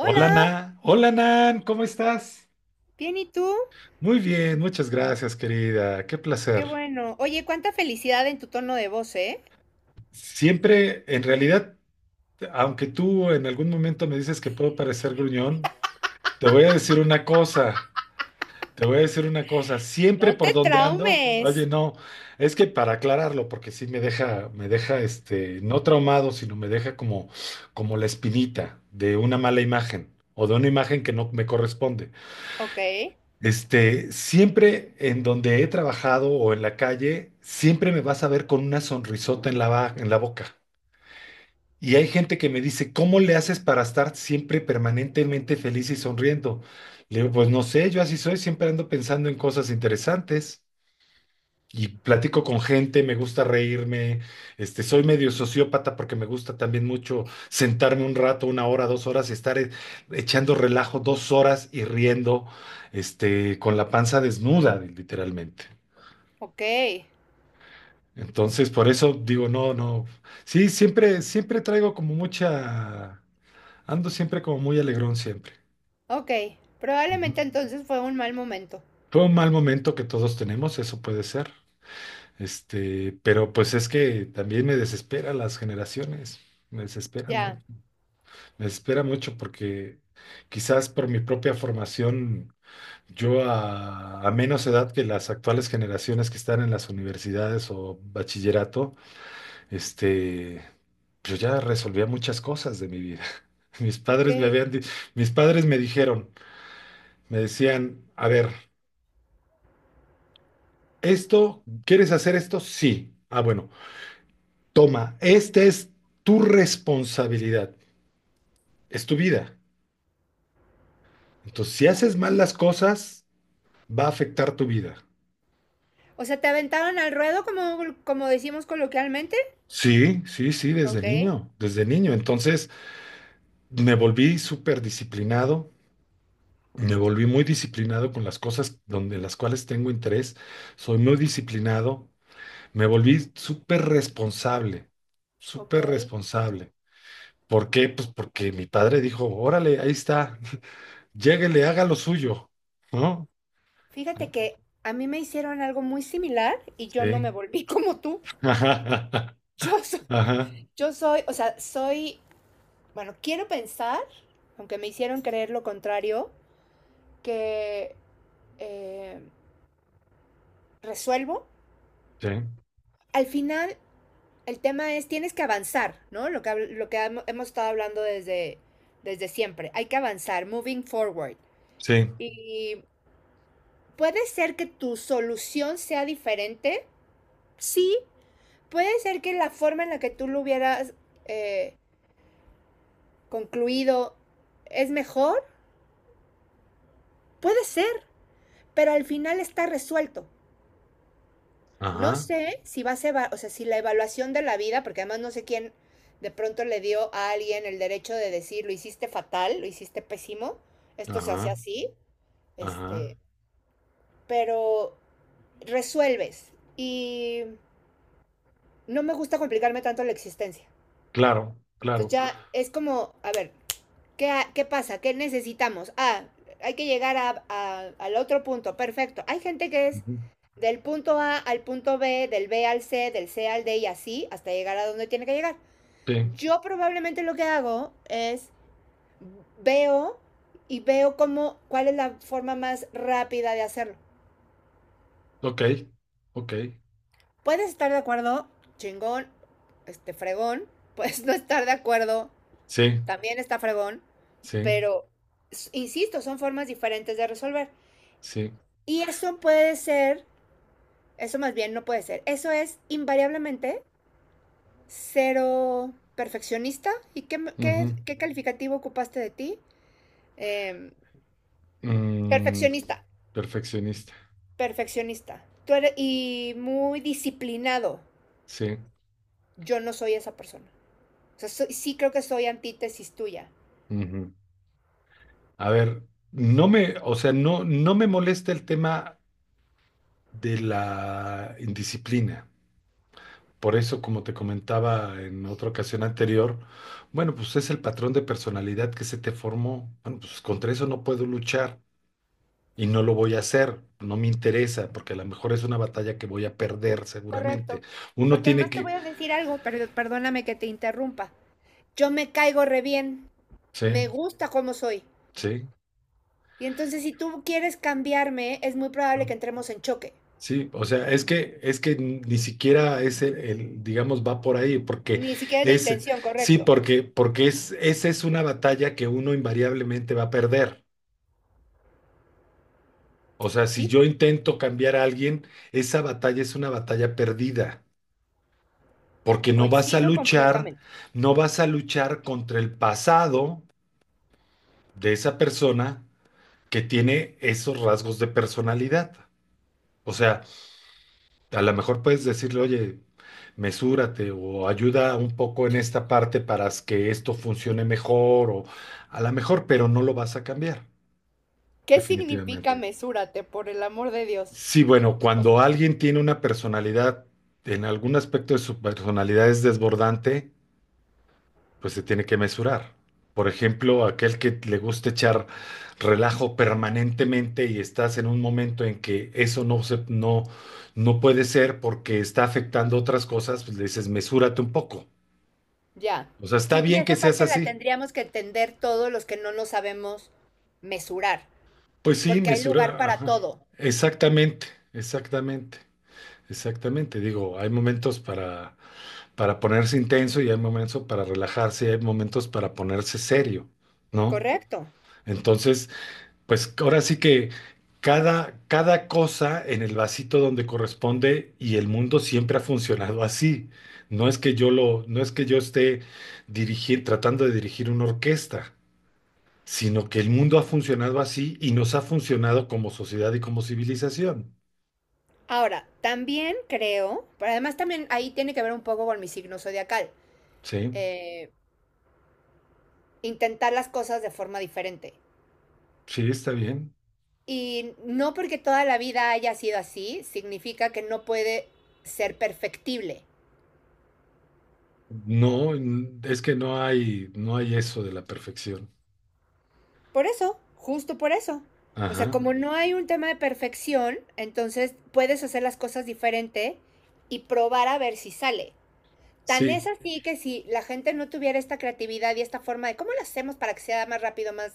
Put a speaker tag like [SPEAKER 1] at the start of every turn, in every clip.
[SPEAKER 1] Hola, Nan. Hola, Nan. ¿Cómo estás?
[SPEAKER 2] bien, ¿y tú?
[SPEAKER 1] Muy bien, muchas gracias, querida. Qué placer.
[SPEAKER 2] Qué bueno. Oye, cuánta felicidad en tu tono de voz, ¿eh?
[SPEAKER 1] Siempre, en realidad, aunque tú en algún momento me dices que puedo parecer gruñón, te voy a decir una cosa. Te voy a decir una cosa.
[SPEAKER 2] No
[SPEAKER 1] Siempre por
[SPEAKER 2] te
[SPEAKER 1] donde ando, oye,
[SPEAKER 2] traumes.
[SPEAKER 1] no, es que para aclararlo, porque sí me deja, no traumado, sino me deja como la espinita de una mala imagen o de una imagen que no me corresponde.
[SPEAKER 2] Ok,
[SPEAKER 1] Siempre en donde he trabajado o en la calle, siempre me vas a ver con una sonrisota en la, en la boca. Y hay gente que me dice, ¿cómo le haces para estar siempre permanentemente feliz y sonriendo? Le digo, pues no sé, yo así soy, siempre ando pensando en cosas interesantes y platico con gente, me gusta reírme, soy medio sociópata porque me gusta también mucho sentarme un rato, una hora, 2 horas y estar echando relajo 2 horas y riendo, con la panza desnuda, literalmente.
[SPEAKER 2] ok,
[SPEAKER 1] Entonces, por eso digo, no, no, sí, siempre, siempre traigo como mucha, ando siempre como muy alegrón siempre.
[SPEAKER 2] ok.
[SPEAKER 1] Ujú.
[SPEAKER 2] Probablemente entonces fue un mal momento.
[SPEAKER 1] Fue un mal momento que todos tenemos, eso puede ser. Pero pues es que también me desespera las generaciones, me desesperan mucho,
[SPEAKER 2] Ya,
[SPEAKER 1] me desespera mucho porque quizás por mi propia formación, yo a menos edad que las actuales generaciones que están en las universidades o bachillerato, este, yo ya resolvía muchas cosas de mi vida. Mis
[SPEAKER 2] ok.
[SPEAKER 1] padres me habían, di- mis padres me dijeron, me decían, a ver, esto, ¿quieres hacer esto? Sí. Ah, bueno, toma, esta es tu responsabilidad. Es tu vida. Entonces, si haces mal las cosas, va a afectar tu vida.
[SPEAKER 2] O sea, ¿te aventaron al ruedo como decimos coloquialmente?
[SPEAKER 1] Sí, sí, sí, desde
[SPEAKER 2] Ok,
[SPEAKER 1] niño, desde niño. Entonces, me volví súper disciplinado, me volví muy disciplinado con las cosas donde las cuales tengo interés. Soy muy disciplinado, me volví súper responsable,
[SPEAKER 2] ok.
[SPEAKER 1] súper responsable. ¿Por qué? Pues porque mi padre dijo, órale, ahí está, lléguele, haga lo suyo, ¿no?
[SPEAKER 2] Fíjate
[SPEAKER 1] ¿No?
[SPEAKER 2] que a mí me hicieron algo muy similar y yo no
[SPEAKER 1] Sí.
[SPEAKER 2] me volví como tú.
[SPEAKER 1] Ajá,
[SPEAKER 2] Yo soy,
[SPEAKER 1] ajá,
[SPEAKER 2] yo soy, o sea, soy, Bueno, quiero pensar, aunque me hicieron creer lo contrario, que eh, resuelvo.
[SPEAKER 1] sí,
[SPEAKER 2] Al final, el tema es, tienes que avanzar, ¿no? Lo que hemos estado hablando desde siempre. Hay que avanzar, moving forward.
[SPEAKER 1] sí.
[SPEAKER 2] Y puede ser que tu solución sea diferente, sí. Puede ser que la forma en la que tú lo hubieras eh, concluido es mejor, puede ser, pero al final está resuelto. No
[SPEAKER 1] Ajá,
[SPEAKER 2] sé si va a ser, o sea, si la evaluación de la vida, porque además no sé quién de pronto le dio a alguien el derecho de decir, lo hiciste fatal, lo hiciste pésimo, esto se hace
[SPEAKER 1] ajá,
[SPEAKER 2] así,
[SPEAKER 1] ajá.
[SPEAKER 2] este, pero resuelves y no me gusta complicarme tanto la existencia.
[SPEAKER 1] Claro,
[SPEAKER 2] Entonces
[SPEAKER 1] claro.
[SPEAKER 2] ya es como, a ver, ¿qué pasa? ¿Qué necesitamos? Ah, hay que llegar al otro punto, perfecto. Hay gente que es
[SPEAKER 1] Ujú.
[SPEAKER 2] del punto A al punto B, del B al C, del C al D y así hasta llegar a donde tiene que llegar.
[SPEAKER 1] Sí,
[SPEAKER 2] Yo probablemente lo que hago es veo y veo cuál es la forma más rápida de hacerlo.
[SPEAKER 1] ok, ok.
[SPEAKER 2] Puedes estar de acuerdo, chingón, este fregón, puedes no estar de acuerdo,
[SPEAKER 1] Sí,
[SPEAKER 2] también está fregón,
[SPEAKER 1] sí,
[SPEAKER 2] pero insisto, son formas diferentes de resolver.
[SPEAKER 1] sí.
[SPEAKER 2] Y eso puede ser, eso más bien no puede ser, eso es invariablemente cero perfeccionista. ¿Y qué,
[SPEAKER 1] Ujú.
[SPEAKER 2] qué, qué calificativo ocupaste de ti? Eh,
[SPEAKER 1] Mm,
[SPEAKER 2] perfeccionista,
[SPEAKER 1] perfeccionista,
[SPEAKER 2] perfeccionista. Tú eres, y muy disciplinado.
[SPEAKER 1] sí.
[SPEAKER 2] Yo no soy esa persona. O sea, soy, sí creo que soy antítesis tuya.
[SPEAKER 1] Ujú. A ver, o sea, no me molesta el tema de la indisciplina. Por eso, como te comentaba en otra ocasión anterior, bueno, pues es el patrón de personalidad que se te formó. Bueno, pues contra eso no puedo luchar. Y no lo voy a hacer, no me interesa, porque a lo mejor es una batalla que voy a perder seguramente.
[SPEAKER 2] Correcto.
[SPEAKER 1] Uno
[SPEAKER 2] Porque
[SPEAKER 1] tiene
[SPEAKER 2] además te
[SPEAKER 1] que,
[SPEAKER 2] voy a decir algo, pero perdóname que te interrumpa. Yo me caigo re bien.
[SPEAKER 1] sí,
[SPEAKER 2] Me gusta cómo soy.
[SPEAKER 1] sí,
[SPEAKER 2] Y entonces si tú quieres cambiarme, es muy probable
[SPEAKER 1] ¿no?
[SPEAKER 2] que entremos en choque.
[SPEAKER 1] Sí, o sea, es que ni siquiera es el, digamos, va por ahí, porque
[SPEAKER 2] Ni siquiera es la
[SPEAKER 1] es,
[SPEAKER 2] intención,
[SPEAKER 1] sí,
[SPEAKER 2] correcto.
[SPEAKER 1] porque es, esa es una batalla que uno invariablemente va a perder. O sea, si
[SPEAKER 2] Sí,
[SPEAKER 1] yo intento cambiar a alguien, esa batalla es una batalla perdida, porque no vas a
[SPEAKER 2] coincido
[SPEAKER 1] luchar,
[SPEAKER 2] completamente.
[SPEAKER 1] no vas a luchar contra el pasado de esa persona, que tiene esos rasgos de personalidad. O sea, a lo mejor puedes decirle, oye, mesúrate o ayuda un poco en esta parte para que esto funcione mejor o a lo mejor, pero no lo vas a cambiar,
[SPEAKER 2] ¿Qué significa
[SPEAKER 1] definitivamente.
[SPEAKER 2] mesúrate, por el amor de Dios?
[SPEAKER 1] Sí, bueno,
[SPEAKER 2] Oh,
[SPEAKER 1] cuando alguien tiene una personalidad, en algún aspecto de su personalidad es desbordante, pues se tiene que mesurar. Por ejemplo, aquel que le gusta echar relajo permanentemente y estás en un momento en que eso no se, no, no puede ser porque está afectando otras cosas, pues le dices, mesúrate un poco.
[SPEAKER 2] ya.
[SPEAKER 1] O sea, está
[SPEAKER 2] Sí, y
[SPEAKER 1] bien que
[SPEAKER 2] esa
[SPEAKER 1] seas
[SPEAKER 2] parte la
[SPEAKER 1] así.
[SPEAKER 2] tendríamos que entender todos los que no lo sabemos mesurar,
[SPEAKER 1] Pues sí,
[SPEAKER 2] porque hay lugar
[SPEAKER 1] mesura.
[SPEAKER 2] para
[SPEAKER 1] Ajá.
[SPEAKER 2] todo,
[SPEAKER 1] Exactamente, exactamente, exactamente. Digo, hay momentos para, ponerse intenso y hay momentos para relajarse y hay momentos para ponerse serio, ¿no?
[SPEAKER 2] correcto.
[SPEAKER 1] Entonces, pues ahora sí que cada cosa en el vasito donde corresponde y el mundo siempre ha funcionado así. No es que yo lo, no es que yo esté tratando de dirigir una orquesta, sino que el mundo ha funcionado así y nos ha funcionado como sociedad y como civilización.
[SPEAKER 2] Ahora, también creo, pero además también ahí tiene que ver un poco con mi signo zodiacal,
[SPEAKER 1] Sí,
[SPEAKER 2] eh, intentar las cosas de forma diferente.
[SPEAKER 1] sí, está bien.
[SPEAKER 2] Y no porque toda la vida haya sido así, significa que no puede ser perfectible.
[SPEAKER 1] No, es que no hay eso de la perfección.
[SPEAKER 2] Por eso, justo por eso. O sea,
[SPEAKER 1] Ajá,
[SPEAKER 2] como no hay un tema de perfección, entonces puedes hacer las cosas diferente y probar a ver si sale. Tan
[SPEAKER 1] sí,
[SPEAKER 2] es así que si la gente no tuviera esta creatividad y esta forma de cómo lo hacemos para que sea más rápido,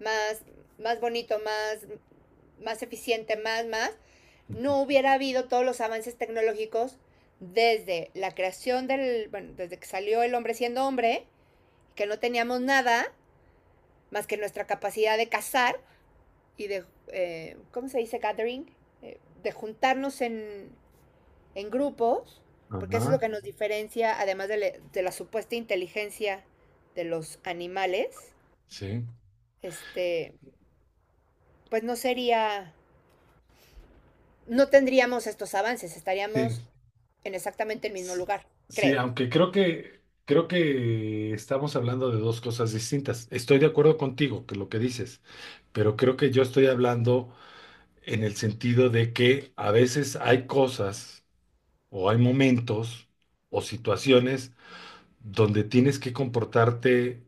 [SPEAKER 2] más, más bonito, más eficiente, no hubiera habido todos los avances tecnológicos desde la creación del, bueno, desde que salió el hombre siendo hombre, que no teníamos nada más que nuestra capacidad de cazar y de, ¿cómo se dice? Gathering, de juntarnos en grupos, porque eso es lo
[SPEAKER 1] ajá,
[SPEAKER 2] que nos diferencia, además de, de la supuesta inteligencia de los animales,
[SPEAKER 1] sí,
[SPEAKER 2] este, pues no sería, no tendríamos estos avances,
[SPEAKER 1] sí.
[SPEAKER 2] estaríamos en exactamente el mismo lugar,
[SPEAKER 1] Sí,
[SPEAKER 2] creo.
[SPEAKER 1] aunque creo que estamos hablando de dos cosas distintas. Estoy de acuerdo contigo que lo que dices, pero creo que yo estoy hablando en el sentido de que a veces hay cosas o hay momentos o situaciones donde tienes que comportarte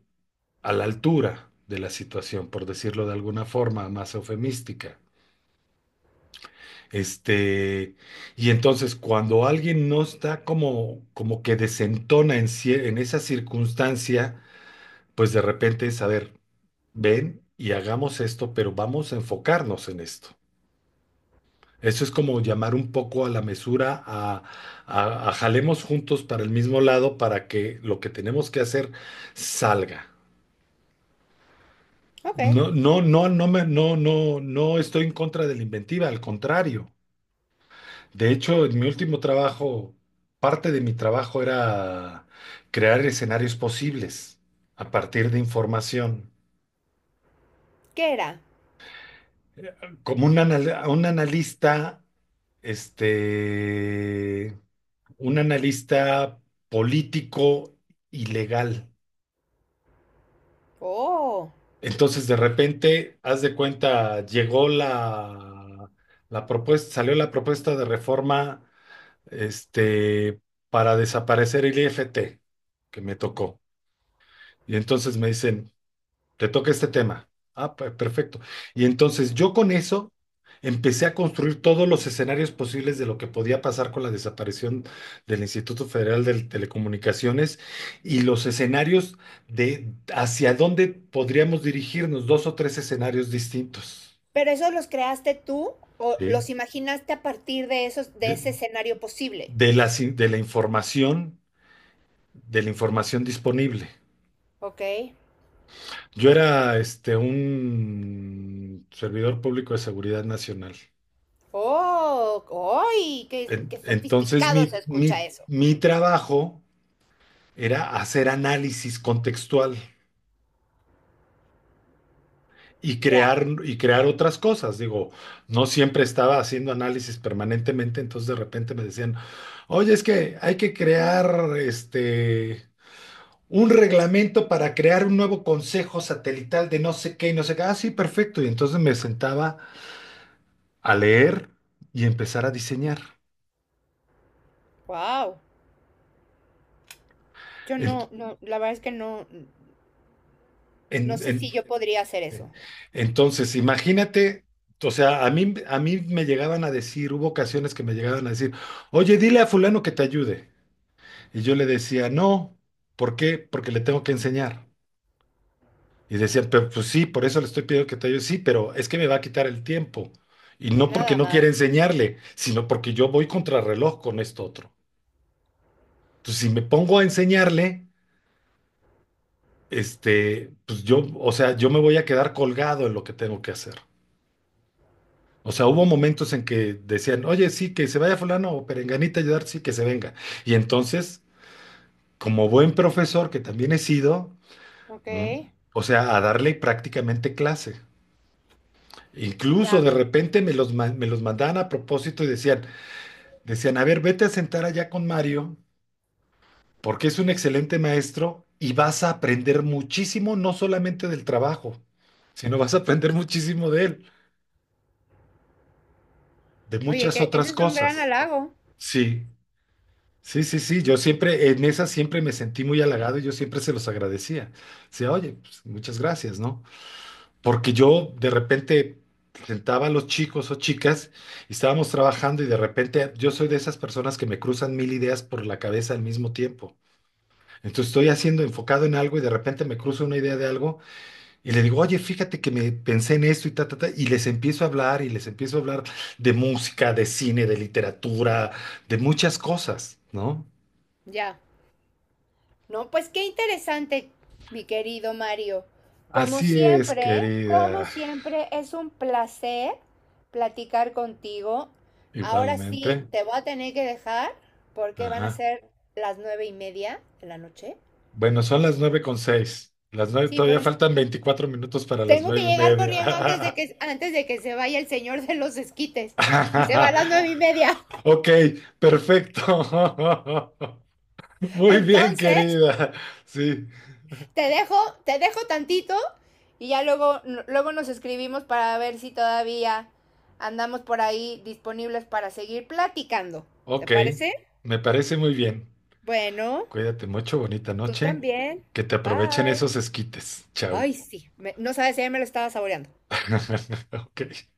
[SPEAKER 1] a la altura de la situación, por decirlo de alguna forma más eufemística. Este, y entonces cuando alguien no está como que desentona en esa circunstancia, pues de repente es, a ver, ven y hagamos esto, pero vamos a enfocarnos en esto. Eso es como llamar un poco a la mesura, a, a jalemos juntos para el mismo lado para que lo que tenemos que hacer salga.
[SPEAKER 2] Ok,
[SPEAKER 1] No, no, no, no, no, no estoy en contra de la inventiva, al contrario. De hecho, en mi último trabajo, parte de mi trabajo era crear escenarios posibles a partir de información.
[SPEAKER 2] ¿qué era?
[SPEAKER 1] Como un analista, este, un analista político y legal.
[SPEAKER 2] Oh,
[SPEAKER 1] Entonces, de repente, haz de cuenta, llegó la propuesta, salió la propuesta de reforma, este, para desaparecer el IFT, que me tocó. Y entonces me dicen, te toca este tema. Ah, perfecto. Y entonces yo con eso empecé a construir todos los escenarios posibles de lo que podía pasar con la desaparición del Instituto Federal de Telecomunicaciones y los escenarios de hacia dónde podríamos dirigirnos, 2 o 3 escenarios distintos,
[SPEAKER 2] pero esos los creaste tú o
[SPEAKER 1] ¿sí?
[SPEAKER 2] los imaginaste a partir de esos, de
[SPEAKER 1] De,
[SPEAKER 2] ese escenario posible.
[SPEAKER 1] de de la información disponible.
[SPEAKER 2] Ok.
[SPEAKER 1] Yo era un servidor público de seguridad nacional.
[SPEAKER 2] Oh, ¡ay! Qué, qué
[SPEAKER 1] Entonces
[SPEAKER 2] sofisticado se escucha eso.
[SPEAKER 1] mi trabajo era hacer análisis contextual
[SPEAKER 2] Ya.
[SPEAKER 1] y crear otras cosas. Digo, no siempre estaba haciendo análisis permanentemente, entonces de repente me decían, oye, es que hay que crear un reglamento para crear un nuevo consejo satelital de no sé qué y no sé qué. Ah, sí, perfecto. Y entonces me sentaba a leer y empezar a diseñar.
[SPEAKER 2] Wow. Yo
[SPEAKER 1] En-
[SPEAKER 2] no, no, la verdad es que no, no
[SPEAKER 1] en-
[SPEAKER 2] sé
[SPEAKER 1] en-
[SPEAKER 2] si yo podría hacer eso.
[SPEAKER 1] Entonces, imagínate, o sea, a mí me llegaban a decir, hubo ocasiones que me llegaban a decir, oye, dile a fulano que te ayude. Y yo le decía, no, ¿por qué? Porque le tengo que enseñar. Y decían, pero pues sí, por eso le estoy pidiendo que te ayude. Sí, pero es que me va a quitar el tiempo. Y
[SPEAKER 2] Ve
[SPEAKER 1] no porque
[SPEAKER 2] nada
[SPEAKER 1] no quiera
[SPEAKER 2] más.
[SPEAKER 1] enseñarle, sino porque yo voy contrarreloj con esto otro. Entonces, si me pongo a enseñarle, pues yo, o sea, yo me voy a quedar colgado en lo que tengo que hacer. O sea, hubo momentos en que decían, oye, sí, que se vaya fulano o perenganita a ayudar, sí, que se venga. Y entonces, como buen profesor que también he sido,
[SPEAKER 2] Ok.
[SPEAKER 1] ¿m? O sea, a darle prácticamente clase. Incluso
[SPEAKER 2] Ya.
[SPEAKER 1] de repente me los, me los mandaban a propósito y decían, decían, a ver, vete a sentar allá con Mario, porque es un excelente maestro y vas a aprender muchísimo, no solamente del trabajo, sino vas a aprender muchísimo de él, de
[SPEAKER 2] Oye,
[SPEAKER 1] muchas
[SPEAKER 2] que eso
[SPEAKER 1] otras
[SPEAKER 2] es un gran
[SPEAKER 1] cosas.
[SPEAKER 2] halago.
[SPEAKER 1] Sí, sí, sí, sí, yo siempre, en esa siempre me sentí muy halagado y yo siempre se los agradecía. Decía, oye, pues, muchas gracias, ¿no? Porque yo de repente sentaba a los chicos o chicas y estábamos trabajando y de repente yo soy de esas personas que me cruzan mil ideas por la cabeza al mismo tiempo. Entonces estoy
[SPEAKER 2] O-
[SPEAKER 1] haciendo enfocado en algo y de repente me cruzo una idea de algo y le digo, oye, fíjate que me pensé en esto y ta, ta, ta, y les empiezo a hablar y les empiezo a hablar de música, de cine, de literatura, de muchas cosas, ¿no?
[SPEAKER 2] Ya. No, pues qué interesante, mi querido Mario.
[SPEAKER 1] Así es,
[SPEAKER 2] Como
[SPEAKER 1] querida.
[SPEAKER 2] siempre, es un placer platicar contigo. Ahora
[SPEAKER 1] Igualmente.
[SPEAKER 2] sí, te voy a tener que dejar porque van a
[SPEAKER 1] Ajá.
[SPEAKER 2] ser las 9:30 de la noche.
[SPEAKER 1] Bueno, son las 9:06. Las nueve,
[SPEAKER 2] Sí, pero
[SPEAKER 1] todavía
[SPEAKER 2] es
[SPEAKER 1] faltan 24 minutos para las
[SPEAKER 2] Tengo que
[SPEAKER 1] nueve y
[SPEAKER 2] llegar
[SPEAKER 1] media.
[SPEAKER 2] corriendo antes de antes de que se vaya el señor de los esquites. Y se va a las nueve y media.
[SPEAKER 1] Ok, perfecto. Muy bien,
[SPEAKER 2] Entonces,
[SPEAKER 1] querida. Sí,
[SPEAKER 2] te dejo, te dejo tantito y ya luego nos escribimos para ver si todavía andamos por ahí disponibles para seguir platicando. ¿Te
[SPEAKER 1] ok.
[SPEAKER 2] parece?
[SPEAKER 1] Me parece muy bien.
[SPEAKER 2] Bueno,
[SPEAKER 1] Cuídate mucho, bonita
[SPEAKER 2] tú
[SPEAKER 1] noche.
[SPEAKER 2] también.
[SPEAKER 1] Que te aprovechen
[SPEAKER 2] Bye.
[SPEAKER 1] esos esquites. Chao.
[SPEAKER 2] Ay, sí. Me- no sabes si ya me lo estaba saboreando.
[SPEAKER 1] Ok.